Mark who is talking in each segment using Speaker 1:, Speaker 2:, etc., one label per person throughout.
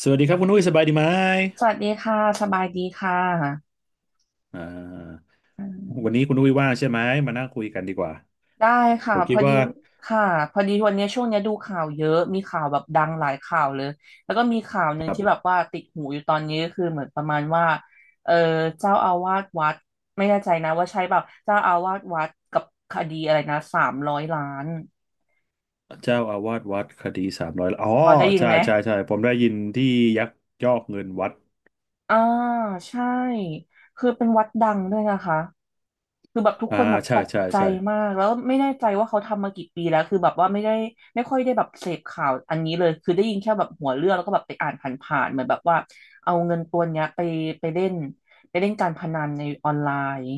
Speaker 1: สวัสดีครับคุณอุ้ยสบายดีไหม
Speaker 2: สวัสดีค่ะสบายดีค่ะ
Speaker 1: อ่า
Speaker 2: อ่
Speaker 1: วั
Speaker 2: า
Speaker 1: นนี้คุณอุ้ยว่างใช่ไหม มานั่งคุยกันดีกว่า
Speaker 2: ได้
Speaker 1: ผ
Speaker 2: ค่ะ
Speaker 1: ม
Speaker 2: พ
Speaker 1: คิ
Speaker 2: อ
Speaker 1: ด
Speaker 2: ดี
Speaker 1: ว่า
Speaker 2: ค่ะพอดีวันนี้ช่วงเนี้ยดูข่าวเยอะมีข่าวแบบดังหลายข่าวเลยแล้วก็มีข่าวห
Speaker 1: กั
Speaker 2: นึ่ง
Speaker 1: บ
Speaker 2: ที่แบบว่าติดหูอยู่ตอนนี้ก็คือเหมือนประมาณว่าเออเจ้าอาวาสวัดไม่แน่ใจนะว่าใช่เปล่าเจ้าอาวาสวัดกับคดีอะไรนะ300 ล้าน
Speaker 1: เจ้าอาวาสวัดคดี300อ๋อ
Speaker 2: พอได้ยิน
Speaker 1: ใช่
Speaker 2: ไหม
Speaker 1: ใช่ใช่ผมได้ยินที่ยักยอกเงินวัด
Speaker 2: อ่าใช่คือเป็นวัดดังด้วยนะคะคือแบบทุก
Speaker 1: อ่า
Speaker 2: คนแบบ
Speaker 1: ใช่
Speaker 2: ตก
Speaker 1: ใช่
Speaker 2: ใจ
Speaker 1: ใช่
Speaker 2: มากแล้วไม่แน่ใจว่าเขาทำมากี่ปีแล้วคือแบบว่าไม่ได้ไม่ค่อยได้แบบเสพข่าวอันนี้เลยคือได้ยินแค่แบบหัวเรื่องแล้วก็แบบไปอ่านผ่านๆเหมือนแบบว่าเอาเงินตัวเนี้ยไปไปเล่นไปเล่นการพนันในออนไลน์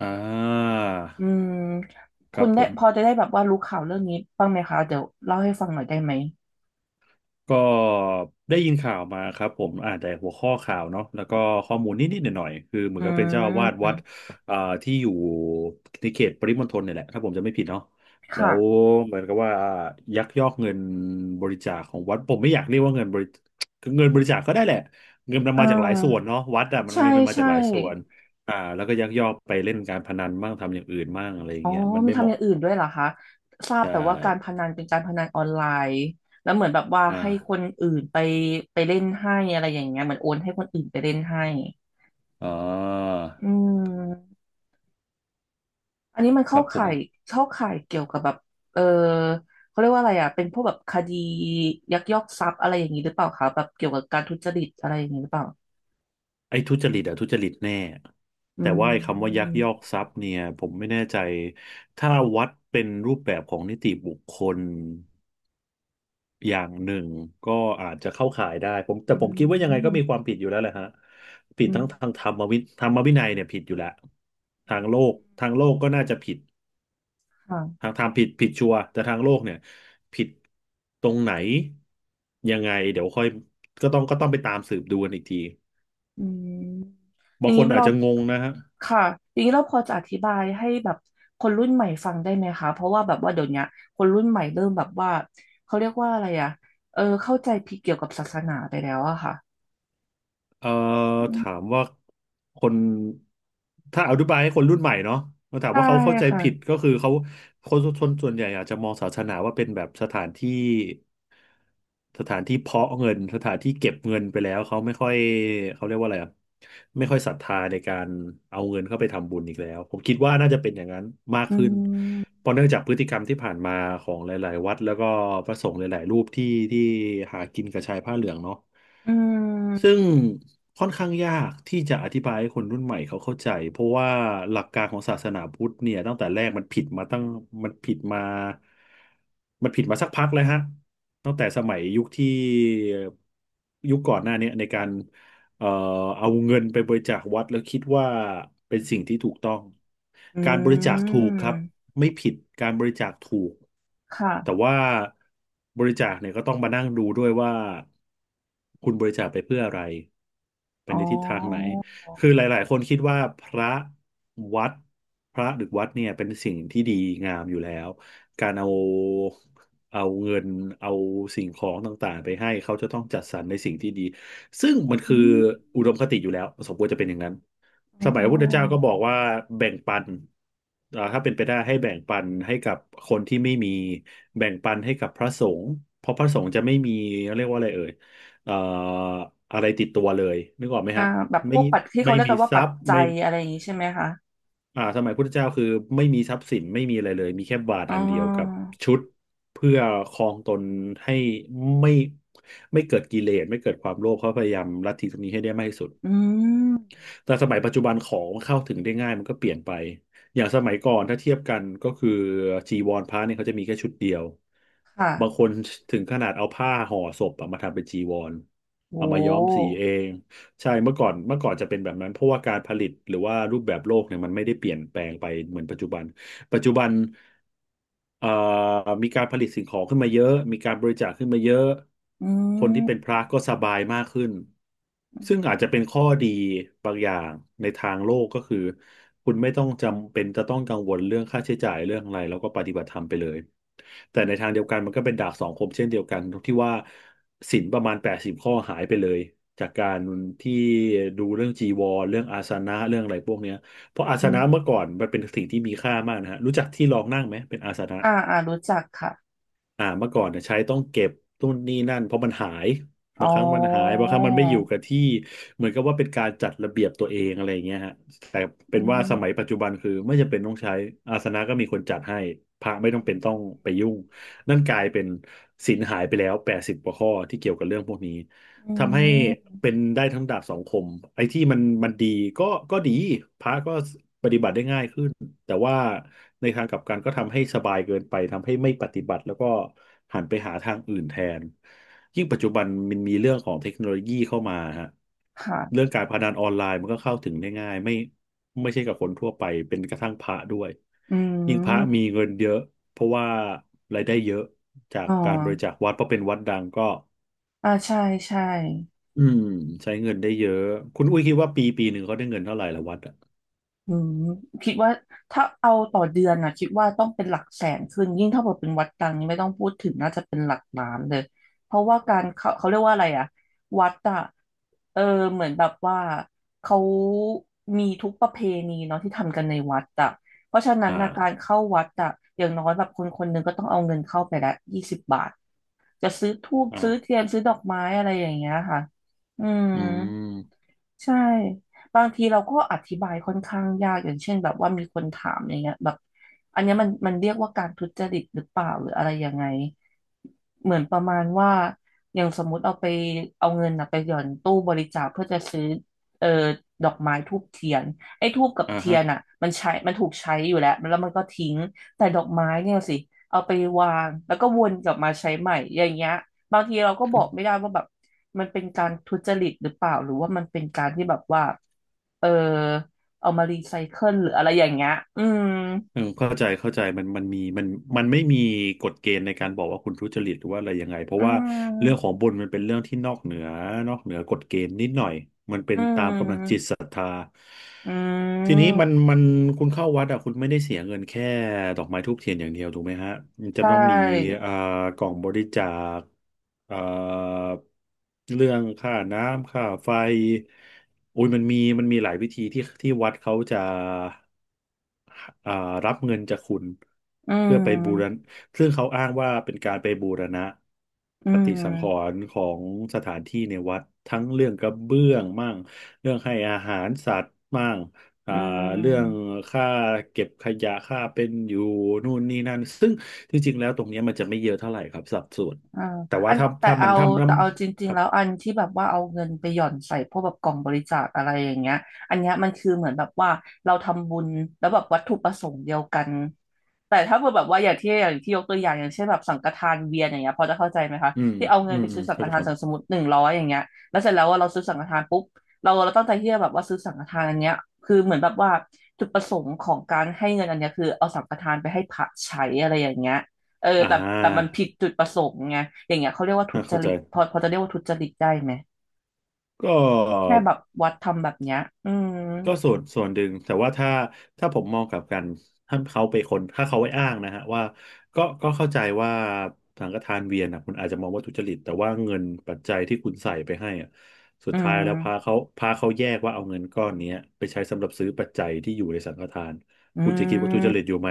Speaker 1: อ่า
Speaker 2: อืม
Speaker 1: ค
Speaker 2: คุ
Speaker 1: รั
Speaker 2: ณ
Speaker 1: บผ
Speaker 2: ได้
Speaker 1: ม
Speaker 2: พอจะได้แบบว่ารู้ข่าวเรื่องนี้บ้างไหมคะเดี๋ยวเล่าให้ฟังหน่อยได้ไหม
Speaker 1: ก็ได้ยินข่าวมาครับผมอ่านแต่หัวข้อข่าวเนาะแล้วก็ข้อมูลนิดๆหน่อยๆคือเหมือ
Speaker 2: อื
Speaker 1: นกับเป็นเจ้าอาวาสวัด
Speaker 2: ม
Speaker 1: อ่าที่อยู่ในเขตปริมณฑลเนี่ยแหละถ้าผมจะไม่ผิดเนาะแล้
Speaker 2: ค่ะ
Speaker 1: วเหมือนกับว่ายักยอกเงินบริจาคของวัดผมไม่อยากเรียกว่าเงินบริคือเงินบริจาคก็ได้แหละเงินมัน
Speaker 2: เอ
Speaker 1: มาจากหลายส่วน
Speaker 2: อ
Speaker 1: เนาะวัดอะมัน
Speaker 2: ใช่
Speaker 1: เงินมันมาจา
Speaker 2: ใช่
Speaker 1: กหลายส่วนแล้วก็ยักยอกไปเล่นการพนันบ้างทำอย่างอื่นบ้างอะไรอย่า
Speaker 2: อ๋
Speaker 1: ง
Speaker 2: อ
Speaker 1: เงี้ยมัน
Speaker 2: มี
Speaker 1: ไม่เห
Speaker 2: ทำอ
Speaker 1: มาะ
Speaker 2: ย่างอื่นด้วยเหรอคะทราบ
Speaker 1: ใช่
Speaker 2: แต่ว่าการพนันเป็นการพนันออนไลน์แล้วเหมือนแบบว่า
Speaker 1: อ่า
Speaker 2: ให้คนอื่นไปไปเล่นให้อะไรอย่างเงี้ยเหมือนโอนให้คนอื่นไปเล่นให้
Speaker 1: อ๋อ
Speaker 2: อืมอันนี้มัน
Speaker 1: ค
Speaker 2: เข้า
Speaker 1: รับผ
Speaker 2: ข่า
Speaker 1: ม
Speaker 2: ยเข้าข่ายเกี่ยวกับแบบเออเขาเรียกว่าอะไรอ่ะเป็นพวกแบบคดียักยอกทรัพย์อะไรอย่างนี้หรือเปล่าคะแบบเกี่ยวกับการทุจริตอะไรอย่างนี้หรือเปล่า
Speaker 1: ไอ้ทุจริตอะทุจริตแน่
Speaker 2: อื
Speaker 1: แต่ว่าไอ้คำว่ายัก
Speaker 2: ม
Speaker 1: ยอกทรัพย์เนี่ยผมไม่แน่ใจถ้าวัดเป็นรูปแบบของนิติบุคคลอย่างหนึ่งก็อาจจะเข้าข่ายได้ผมแต่
Speaker 2: อื
Speaker 1: ผมคิดว่ายังไงก็
Speaker 2: ม
Speaker 1: มีความผิดอยู่แล้วแหละฮะผิด
Speaker 2: อืม
Speaker 1: ทั้งทางธรรมวิธรรมวินัยเนี่ยผิดอยู่แล้วทางโลกทางโลกก็น่าจะผิด
Speaker 2: ค่ะ
Speaker 1: ทางธรรมผิดชัวร์แต่ทางโลกเนี่ยผิดตรงไหนยังไงเดี๋ยวค่อยก็ต้องไปตามสืบดูกันอีกที
Speaker 2: อืมอ
Speaker 1: บา
Speaker 2: ย่า
Speaker 1: ง
Speaker 2: ง
Speaker 1: ค
Speaker 2: นี้
Speaker 1: นอาจ
Speaker 2: เรา
Speaker 1: จะงงนะฮะ
Speaker 2: ค่ะอย่างนี้เราพอจะอธิบายให้แบบคนรุ่นใหม่ฟังได้ไหมคะเพราะว่าแบบว่าเดี๋ยวเนี้ยคนรุ่นใหม่เริ่มแบบว่าเขาเรียกว่าอะไรอะเข้าใจผิดเกี่ยวกับศาสนาไปแล้วอะค่ะ
Speaker 1: เอ่อ
Speaker 2: อื
Speaker 1: ถา
Speaker 2: ม
Speaker 1: มว่าคนถ้าอธิบายให้คนรุ่นใหม่เนาะมาถาม
Speaker 2: ใช่
Speaker 1: ว่าเขาเข้าใจ
Speaker 2: ค่ะ
Speaker 1: ผิดก็คือเขาคนชนส่วนใหญ่อาจจะมองศาสนาว่าเป็นแบบสถานที่สถานที่เพาะเงินสถานที่เก็บเงินไปแล้วเขาไม่ค่อยเขาเรียกว่าอะไรอะไม่ค่อยศรัทธาในการเอาเงินเข้าไปทำบุญอีกแล้วผมคิดว่าน่าจะเป็นอย่างนั้นมาก
Speaker 2: อื
Speaker 1: ขึ้น
Speaker 2: ม
Speaker 1: เพราะเนื่องจากพฤติกรรมที่ผ่านมาของหลายๆวัดแล้วก็พระสงฆ์หลายๆรูปที่หากินกับชายผ้าเหลืองเนาะ
Speaker 2: อื
Speaker 1: ซึ่
Speaker 2: ม
Speaker 1: งค่อนข้างยากที่จะอธิบายให้คนรุ่นใหม่เขาเข้าใจเพราะว่าหลักการของศาสนาพุทธเนี่ยตั้งแต่แรกมันผิดมาตั้งมันผิดมามันผิดมาสักพักแล้วฮะตั้งแต่สมัยยุคที่ยุคก่อนหน้าเนี่ยในการเอ่อเอาเงินไปบริจาควัดแล้วคิดว่าเป็นสิ่งที่ถูกต้อง
Speaker 2: อื
Speaker 1: การบริจาคถูก
Speaker 2: ม
Speaker 1: ครับไม่ผิดการบริจาคถูก แต่
Speaker 2: ค่ะ
Speaker 1: ว่าบริจาคเนี่ยก็ต้องมานั่งดูด้วยว่าคุณบริจาคไปเพื่ออะไรไป
Speaker 2: อ๋
Speaker 1: นในทิศทางไหน
Speaker 2: อ
Speaker 1: คือหลายๆคนคิดว่าพระวัดพระหรือวัดเนี่ยเป็นสิ่งที่ดีงามอยู่แล้วการเอาเอาเงินเอาสิ่งของต่างๆไปให้เขาจะต้องจัดสรรในสิ่งที่ดีซึ่งมัน
Speaker 2: อื
Speaker 1: คือ
Speaker 2: ม
Speaker 1: อุดมคติอยู่แล้วสมควรจะเป็นอย่างนั้น
Speaker 2: อ๋
Speaker 1: ส
Speaker 2: อ
Speaker 1: มัย
Speaker 2: อ๋
Speaker 1: พ
Speaker 2: อ
Speaker 1: ระพุทธเจ้าก็บอกว่าแบ่งปันถ้าเป็นไปได้ให้แบ่งปันให้กับคนที่ไม่มีแบ่งปันให้กับพระสงฆ์เพราะพระสงฆ์จะไม่มีเรียกว่าอะไรเอ่ยเอ่ออะไรติดตัวเลยนึกออกไหม
Speaker 2: อ่า
Speaker 1: ฮะ
Speaker 2: แบบพ
Speaker 1: ไม่
Speaker 2: วกปัจที่เขา
Speaker 1: ไม่
Speaker 2: เรียก
Speaker 1: มี
Speaker 2: กันว่า
Speaker 1: ทรั
Speaker 2: ปัจ
Speaker 1: พย์
Speaker 2: จั
Speaker 1: ไม่
Speaker 2: ยอะไรอย่างนี้ใช่ไหมคะ
Speaker 1: อ่าสมัยพุทธเจ้าคือไม่มีทรัพย์สินไม่มีอะไรเลยมีแค่บาท
Speaker 2: อ๋
Speaker 1: อั
Speaker 2: อ
Speaker 1: นเดียวกับชุดเพื่อครองตนให้ไม่ไม่เกิดกิเลสไม่เกิดความโลภเขาพยายามลัทธิตรงนี้ให้ได้มากที่สุด
Speaker 2: อืม
Speaker 1: แต่สมัยปัจจุบันของมเข้าถึงได้ง่ายมันก็เปลี่ยนไปอย่างสมัยก่อนถ้าเทียบกันก็คือจีวรพระเนี่ยเขาจะมีแค่ชุดเดียวบาง
Speaker 2: ค่ะ
Speaker 1: คนถึงขนาดเอาผ้าห่อศพอะมาทำเป็นจีวร
Speaker 2: โ
Speaker 1: เอามาย้อมสี
Speaker 2: ห
Speaker 1: เองใช่เมื่อก่อนจะเป็นแบบนั้นเพราะว่าการผลิตหรือว่ารูปแบบโลกเนี่ยมันไม่ได้เปลี่ยนแปลงไปเหมือนปัจจุบัน ปัจจุบันเอ่อมีการผลิตสิ่งของขึ้นมาเยอะมีการบริจาคขึ้นมาเยอะ
Speaker 2: อื
Speaker 1: คนที่เป็น
Speaker 2: ม
Speaker 1: พระก็สบายมากขึ้นซึ่งอาจจะเป็นข้อดีบางอย่างในทางโลกก็คือคุณไม่ต้องจำเป็นจะต้องกังวลเรื่องค่าใช้จ่ายเรื่องอะไรแล้วก็ปฏิบัติธรรมไปเลยแต่ในทางเดียวกันมันก็เป็นดาบสองคมเช่นเดียวกันตรงที่ว่าศีลประมาณ80ข้อหายไปเลยจากการที่ดูเรื่องจีวรเรื่องอาสนะเรื่องอะไรพวกเนี้ย เพราะอาส
Speaker 2: อื
Speaker 1: นะ
Speaker 2: ม
Speaker 1: เมื่อก่อนมันเป็นสิ่งที่มีค่ามากนะฮะรู้จักที่รองนั่งไหมเป็นอาสนะ
Speaker 2: อ่าอ่ารู้จักค่ะ
Speaker 1: เมื่อก่อนเนี่ยใช้ต้องเก็บนู่นนี่นั่นเพราะมันหาย
Speaker 2: อ๋อ
Speaker 1: บางครั้งมันหายบางครั้งมันไม่อยู่กับที่เหมือนกับว่าเป็นการจัดระเบียบตัวเองอะไรอย่างเงี้ยฮะแต่เป็นว่าสมัยปัจจุบันคือไม่จำเป็นต้องใช้อาสนะก็มีคนจัดให้พระไม่ต้องเป็นต้องไปยุ่งนั่นกลายเป็นศีลหายไปแล้วแปดสิบกว่าข้อที่เกี่ยวกับเรื่องพวกนี้
Speaker 2: อื
Speaker 1: ทำให้เป็
Speaker 2: ม
Speaker 1: นได้ทั้งดาบสองคมไอ้ที่มันดีก็ก็ดีพระก็ปฏิบัติได้ง่ายขึ้นแต่ว่าในทางกลับกันก็ทำให้สบายเกินไปทำให้ไม่ปฏิบัติแล้วก็หันไปหาทางอื่นแทนยิ่งปัจจุบันมันมีเรื่องของเทคโนโลยีเข้ามาฮะเรื่อง
Speaker 2: ค่ะ
Speaker 1: การพนันออนไลน์มันก็เข้าถึงได้ง่ายไม่ใช่กับคนทั่วไปเป็นกระทั่งพระด้วย
Speaker 2: อื
Speaker 1: ยิ่งพระมี
Speaker 2: ม
Speaker 1: เงินเยอะเพราะว่ารายได้เยอะจาก
Speaker 2: อ๋อ
Speaker 1: การบริจาควัดเพราะเป็นวัดดังก็
Speaker 2: อ่าใช่ใช่
Speaker 1: อืมใช้เงินได้เยอะคุณอุ้ยคิดว่าปีปีหนึ่งเขาได้เงินเท่าไหร่ละวัดอะ
Speaker 2: อืมคิดว่าถ้าเอาต่อเดือนนะคิดว่าต้องเป็นหลักแสนขึ้นยิ่งถ้าเกิดเป็นวัดดังนี่ไม่ต้องพูดถึงน่าจะเป็นหลักล้านเลยเพราะว่าการเขาเขาเรียกว่าอะไรอะวัดอะเออเหมือนแบบว่าเขามีทุกประเพณีเนาะที่ทำกันในวัดอะเพราะฉะนั้น
Speaker 1: อ่า
Speaker 2: นะการเข้าวัดอะอย่างน้อยแบบคนคนหนึ่งก็ต้องเอาเงินเข้าไปละ20 บาทจะซื้อธูปซื้อ
Speaker 1: อ่า
Speaker 2: เทียนซื้อดอกไม้อะไรอย่างเงี้ยค่ะอืม
Speaker 1: อืม
Speaker 2: ใช่บางทีเราก็อธิบายค่อนข้างยากอย่างเช่นแบบว่ามีคนถามอย่างเงี้ยแบบอันเนี้ยมันมันเรียกว่าการทุจริตหรือเปล่าหรืออะไรยังไงเหมือนประมาณว่าอย่างสมมุติเอาไปเอาเงินนะไปหย่อนตู้บริจาคเพื่อจะซื้อเอ่อดอกไม้ธูปเทียนไอ้ธูปกับ
Speaker 1: อ่า
Speaker 2: เทีย
Speaker 1: ฮะ
Speaker 2: นอ่ะมันใช้มันถูกใช้อยู่แล้วแล้วมันก็ทิ้งแต่ดอกไม้เนี่ยสิเอาไปวางแล้วก็วนกลับมาใช้ใหม่อย่างเงี้ย บางทีเราก็บอกไม่ได้ว่าแบบมันเป็นการทุจริตหรือเปล่าหรือว่ามันเป็นการที่แบบว่าเออเอามารีไซเคิลหรืออะไรอย่างเงี้ย อืม
Speaker 1: เออเข้าใจเข้าใจมันมีมันไม่มีกฎเกณฑ์ในการบอกว่าคุณทุจริตหรือว่าอะไรยังไงเพราะ
Speaker 2: อื
Speaker 1: ว่าเรื่องขอ
Speaker 2: ม
Speaker 1: งบุญมันเป็นเรื่องที่นอกเหนือกฎเกณฑ์นิดหน่อย
Speaker 2: อืม อื
Speaker 1: ทีนี้มั
Speaker 2: ม
Speaker 1: นมันคุณเข้าวัดอ่ะคุณไม่ได้เสียเงินแค่ดอกไม้ธูปเทียนอย่างเดียวถูกไหมฮะมันจะ
Speaker 2: ใช่
Speaker 1: ต้องมีเอ่อกล่องบริจาคเอ่อเรื่องค่าน้ำค่าไฟโอ้ยมันมีหลายวิธีที่วัดเขาจะ อ่ารับเงินจากคุณ
Speaker 2: อื
Speaker 1: เพื่อไปบูรณะ
Speaker 2: ม
Speaker 1: ซึ่งเขาอ้างว่าเป็นการไปบูรณะ
Speaker 2: อื
Speaker 1: ปฏิสังข
Speaker 2: ม
Speaker 1: รณ์ของสถานที่ในวัดทั้งเรื่องกระเบื้องมั่งเรื่องให้อาหารสัตว์มั่งอ่า
Speaker 2: อื
Speaker 1: เรื่อง
Speaker 2: ม
Speaker 1: ค่าเก็บขยะค่าเป็นอยู่นู่นนี่นั่นซึ่งจริงๆแล้วตรงเนี้ยมันจะไม่เยอะเท่าไหร่ครับสัดส่วน
Speaker 2: อ่า
Speaker 1: แต่
Speaker 2: อั
Speaker 1: ว่า
Speaker 2: น
Speaker 1: ถ้า
Speaker 2: แต่
Speaker 1: ถ้ามั
Speaker 2: เอา
Speaker 1: นทำแล้
Speaker 2: แต่
Speaker 1: ว
Speaker 2: เอาจริ
Speaker 1: ค
Speaker 2: งๆ
Speaker 1: รับ
Speaker 2: แล้วอันที่แบบว่าเอาเงินไปหย่อนใส่พวกแบบกล่องบริจาคอะไรอย่างเงี้ยอันเนี้ยมันคือเหมือนแบบว่าเราทำบุญแล้วแบบวัตถุประสงค์เดียวกันแต่ถ้าเกิดแบบว่าอย่างที่อย่างที่ยกตัวอย่างอย่างเช่นแบบสังฆทานเวียนอย่างเงี้ยพอจะเข้าใจไหมคะ
Speaker 1: อืม
Speaker 2: ที่เอาเงิ
Speaker 1: อื
Speaker 2: นไป
Speaker 1: มอื
Speaker 2: ซื้
Speaker 1: ม
Speaker 2: อสังฆ
Speaker 1: เข้าใจ
Speaker 2: ทา
Speaker 1: ค
Speaker 2: น
Speaker 1: รับ
Speaker 2: สมมติ100อย่างเงี้ยแล้วเสร็จแล้วว่าเราซื้อสังฆทานปุ๊บเราเราตั้งใจที่จะแบบว่าซื้อสังฆทานอันเนี้ยคือเหมือนแบบว่าจุดประสงค์ของการให้เงินอันเนี้ยคือเอาสังฆทานไปให้พระใช้อะไรอย่างเงี้ย เออ
Speaker 1: อ่
Speaker 2: แต่แต่มัน
Speaker 1: า
Speaker 2: ผิดจุดประสงค์ไงอย่างเงี้ยเขาเรียกว่าทุจ
Speaker 1: เข้าใจ
Speaker 2: ริตพอพอจะเรียกว่าทุจริตได้ไหม
Speaker 1: ก็
Speaker 2: แค่แบบวัดทำแบบเนี้ยอืม
Speaker 1: ก็ส่วนหนึ่งแต่ว่าถ้าผมมองกลับกันถ้าเขาไปอ้างนะฮะว่าก็เข้าใจว่าสังฆทานเวียนนะคุณอาจจะมองว่าทุจริตแต่ว่าเงินปัจจัยที่คุณใส่ไปให้อะสุด
Speaker 2: อื
Speaker 1: ท้ายแล้วพา
Speaker 2: ม
Speaker 1: เขาพาเขาแยกว่าเอาเงินก้อนเนี้ยไปใช้สำหรับซื้อปัจจัยที่อยู่ในสังฆทาน
Speaker 2: อื
Speaker 1: คุณจะคิดว่าทุจริตอ
Speaker 2: ม
Speaker 1: ยู่ไหม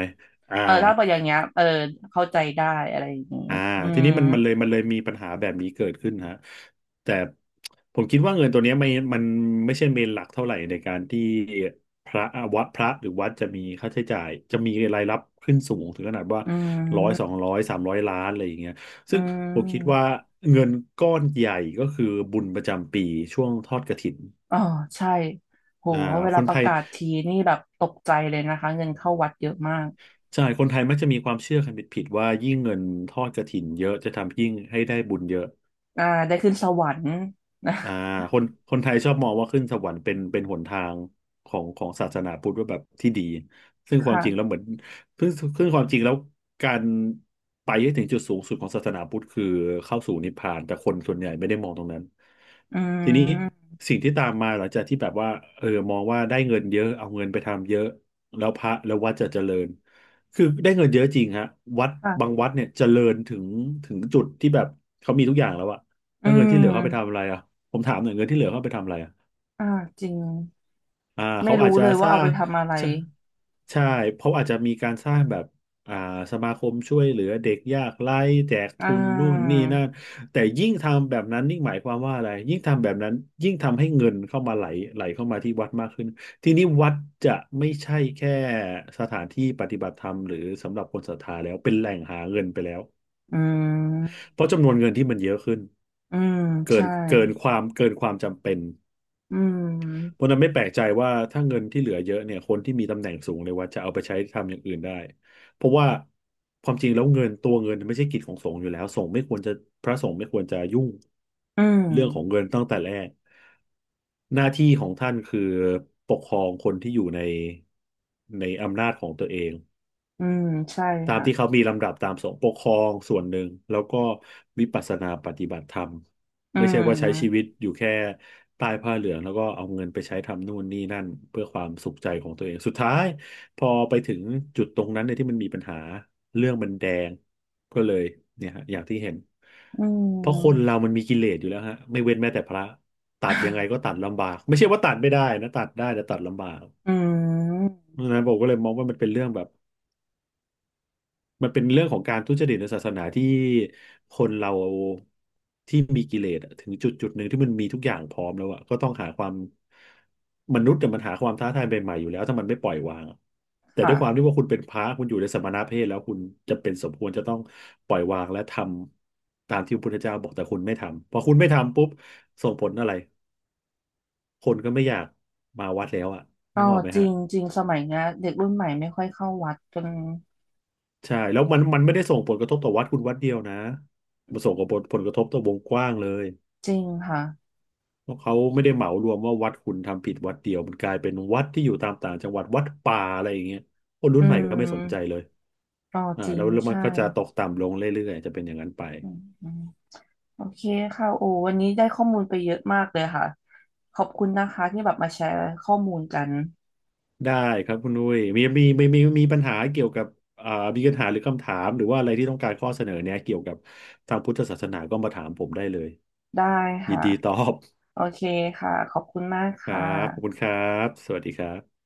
Speaker 1: อ่า
Speaker 2: ถ้าเป็นอย่างเงี้ยเออเข้าใจได้อะไรอย่างงี้
Speaker 1: อ่า
Speaker 2: อื
Speaker 1: ที
Speaker 2: ม
Speaker 1: นี้มันมันเลยมีปัญหาแบบนี้เกิดขึ้นฮะแต่ผมคิดว่าเงินตัวเนี้ยไม่มันไม่ใช่เมนหลักเท่าไหร่ในการที่พระวัดพระหรือวัดจะมีค่าใช้จ่ายจะมีรายรับขึ้นสูงถึงขนาดว่า
Speaker 2: อื
Speaker 1: ร้อยสอ
Speaker 2: ม
Speaker 1: งร้อยสามร้อยล้านอะไรอย่างเงี้ย
Speaker 2: อื
Speaker 1: ซึ่งผมคิดว่า
Speaker 2: ม
Speaker 1: เงินก้อนใหญ่ก็คือบุญประจำปีช่วงทอดกฐิน
Speaker 2: อ๋อใช่โห
Speaker 1: อ่า
Speaker 2: เว
Speaker 1: ค
Speaker 2: ลา
Speaker 1: น
Speaker 2: ป
Speaker 1: ไท
Speaker 2: ระ
Speaker 1: ย
Speaker 2: กาศทีนี่แบบตกใจเลยนะคะเงินเข้าวัดเยอะมาก
Speaker 1: ใช่คนไทยมักจะมีความเชื่อกันผิดๆว่ายิ่งเงินทอดกฐินเยอะจะทำยิ่งให้ได้บุญเยอะ
Speaker 2: อ่าได้ขึ้นสวรรค์นะ
Speaker 1: อ่า คนคนไทยชอบมองว่าขึ้นสวรรค์เป็นหนทางของศาสนาพุทธว่าแบบที่ดีซึ่งความจริงแล้ว
Speaker 2: ค่ะ
Speaker 1: เหมือนซึ่งซึ่งความจริงแล้วการไปให้ถึงจุดสูงสุดของศาสนาพุทธคือเข้าสู่นิพพานแต่คนส่วนใหญ่ไม่ได้มองตรงนั้น
Speaker 2: อื
Speaker 1: ทีนี้
Speaker 2: ม
Speaker 1: สิ่งที่ตามมาหลังจากที่แบบว่าเออมองว่าได้เงินเยอะเอาเงินไปทำเยอะแล้วพระแล้ววัดจะเจริญคือได้เงินเยอะจริงฮะวัด
Speaker 2: ค่ะ
Speaker 1: บางวัดเนี่ยเจริญถึงจุดที่แบบเขามีทุกอย่างแล้วอะ
Speaker 2: อื
Speaker 1: แล้วเงินที่เหลือเขาไปทำ
Speaker 2: ม
Speaker 1: อะไรอะ ผมถามหน่อยเงินที่เหลือเขาเอาไปทำอะไรอะ
Speaker 2: อ่าจริง
Speaker 1: อ่า
Speaker 2: ไม่
Speaker 1: เขาอาจ
Speaker 2: รู้
Speaker 1: จะ
Speaker 2: เลย
Speaker 1: ส
Speaker 2: ว่า
Speaker 1: ร้า
Speaker 2: เอา
Speaker 1: ง
Speaker 2: ไปทำอะไร
Speaker 1: ใช่ใช่เขาอาจจะมีการสร้างแบบอ่าสมาคมช่วยเหลือเด็กยากไร้แจก
Speaker 2: อ่
Speaker 1: ทุนนู่น
Speaker 2: า
Speaker 1: นี่นั่นแต่ยิ่งทำแบบนั้นยิ่งหมายความว่าอะไรยิ่งทำแบบนั้นยิ่งทำให้เงินเข้ามาไหลเข้ามาที่วัดมากขึ้นทีนี้วัดจะไม่ใช่แค่สถานที่ปฏิบัติธรรมหรือสำหรับคนศรัทธาแล้วเป็นแหล่งหาเงินไปแล้ว
Speaker 2: อืม
Speaker 1: เพราะจำนวนเงินที่มันเยอะขึ้น
Speaker 2: อืม
Speaker 1: เกิน
Speaker 2: ใช่
Speaker 1: เกินความเกินความจำเป็น
Speaker 2: อื
Speaker 1: เพ
Speaker 2: ม
Speaker 1: ราะฉะนั้นไม่แปลกใจว่าถ้าเงินที่เหลือเยอะเนี่ยคนที่มีตำแหน่งสูงในวัดจะเอาไปใช้ทำอย่างอื่นได้เพราะว่าความจริงแล้วเงินตัวเงินไม่ใช่กิจของสงฆ์อยู่แล้วสงฆ์ไม่ควรจะพระสงฆ์ไม่ควรจะยุ่ง
Speaker 2: อื
Speaker 1: เรื่องของ
Speaker 2: ม
Speaker 1: เงินตั้งแต่แรกหน้าที่ของท่านคือปกครองคนที่อยู่ในอำนาจของตัวเอง
Speaker 2: อืมใช่
Speaker 1: ตาม
Speaker 2: ค่ะ
Speaker 1: ที่เขามีลำดับตามสงฆ์ปกครองส่วนหนึ่ง แล้วก็วิปัสสนาปฏิบัติธรรม
Speaker 2: อื
Speaker 1: ไม่ใช่ว่าใช้ชีวิ
Speaker 2: ม
Speaker 1: ตอยู่แค่ใต้ผ้าเหลือง แล้วก็เอาเงินไปใช้ทำนู่นนี่นั่น เพื่อความสุขใจของตัวเอง สุดท้าย พอไปถึงจุดตรงนั้นเนี่ยที่มันมีปัญหา เรื่องมันแดง ก็เลยเนี่ยฮะอย่างที่เห็น
Speaker 2: อื
Speaker 1: เพราะคน
Speaker 2: ม
Speaker 1: เรามันมีกิเลสอยู่แล้วฮะ ไม่เว้นแม้แต่พระตัดยังไงก็ตัดลำบากไม่ใช่ว่าตัดไม่ได้นะตัดได้แต่ตัดลำบาก
Speaker 2: อืม
Speaker 1: เพราะฉะนั้นผมก็เลยมองว่ามันเป็นเรื่องแบบ มันเป็นเรื่องของการทุจริตในศาสนาที่คนเราที่มีกิเลสอะถึงจุดหนึ่งที่มันมีทุกอย่างพร้อมแล้วอะก็ต้องหาความมนุษย์แต่ยมันหาความท้าทายใหม่ๆอยู่แล้วถ้ามันไม่ปล่อยวางอะแต่ด้
Speaker 2: ค่ะ
Speaker 1: วยความที่ว่าคุณเป็นพระคุณอยู่ในสมณเพศแล้วคุณจะเป็นสมควรจะต้องปล่อยวางและทำตามที่พระพุทธเจ้าบอกแต่คุณไม่ทำพอคุณไม่ทำปุ๊บส่งผลอะไรคนก็ไม่อยากมาวัดแล้วอะ
Speaker 2: ก็
Speaker 1: นึกออกไหม
Speaker 2: จริ
Speaker 1: ฮะ
Speaker 2: งจริงสมัยเนี้ยเด็กรุ่นใหม่ไม่ค่อยเข้าวัดกัน
Speaker 1: ใช่แล้วมันไม่ได้ส่งผลกระทบต่อวัดคุณวัดเดียวนะมันส่งผลกระทบต่อวงกว้างเลย
Speaker 2: จริงค่ะ
Speaker 1: เพราะเขาไม่ได้เหมารวมว่าวัดคุณทำผิดวัดเดียวมันกลายเป็นวัดที่อยู่ตามต่างจังหวัดวัดป่าอะไรอย่างเงี้ยคนรุ่
Speaker 2: อื
Speaker 1: นใหม่ก็ไม่สนใจ
Speaker 2: ม
Speaker 1: เลย
Speaker 2: ก็จริ
Speaker 1: แล้
Speaker 2: ง
Speaker 1: วแล้วมัน
Speaker 2: ใช่
Speaker 1: ก็จะตกต่ำลงเรื่อยๆจะเป็นอย่างนั้นไป
Speaker 2: อืมอืมโอเคค่ะโอ้วันนี้ได้ข้อมูลไปเยอะมากเลยค่ะขอบคุณนะคะที่แบบมาแชร์ข้อมูลกัน
Speaker 1: ได้ครับคุณนุ้ยมีปัญหาเกี่ยวกับอ่ามีปัญหาหรือคำถามหรือว่าอะไรที่ต้องการข้อเสนอเนยเกี่ยวกับทางพุทธศาสนาก็มาถามผมได้เลย
Speaker 2: ได้
Speaker 1: ยิ
Speaker 2: ค่ะ
Speaker 1: นดีตอบ
Speaker 2: โอเคค่ะขอบคุณมาก
Speaker 1: ครั
Speaker 2: ค่ะ
Speaker 1: บขอบคุณครับสวัสดีครับ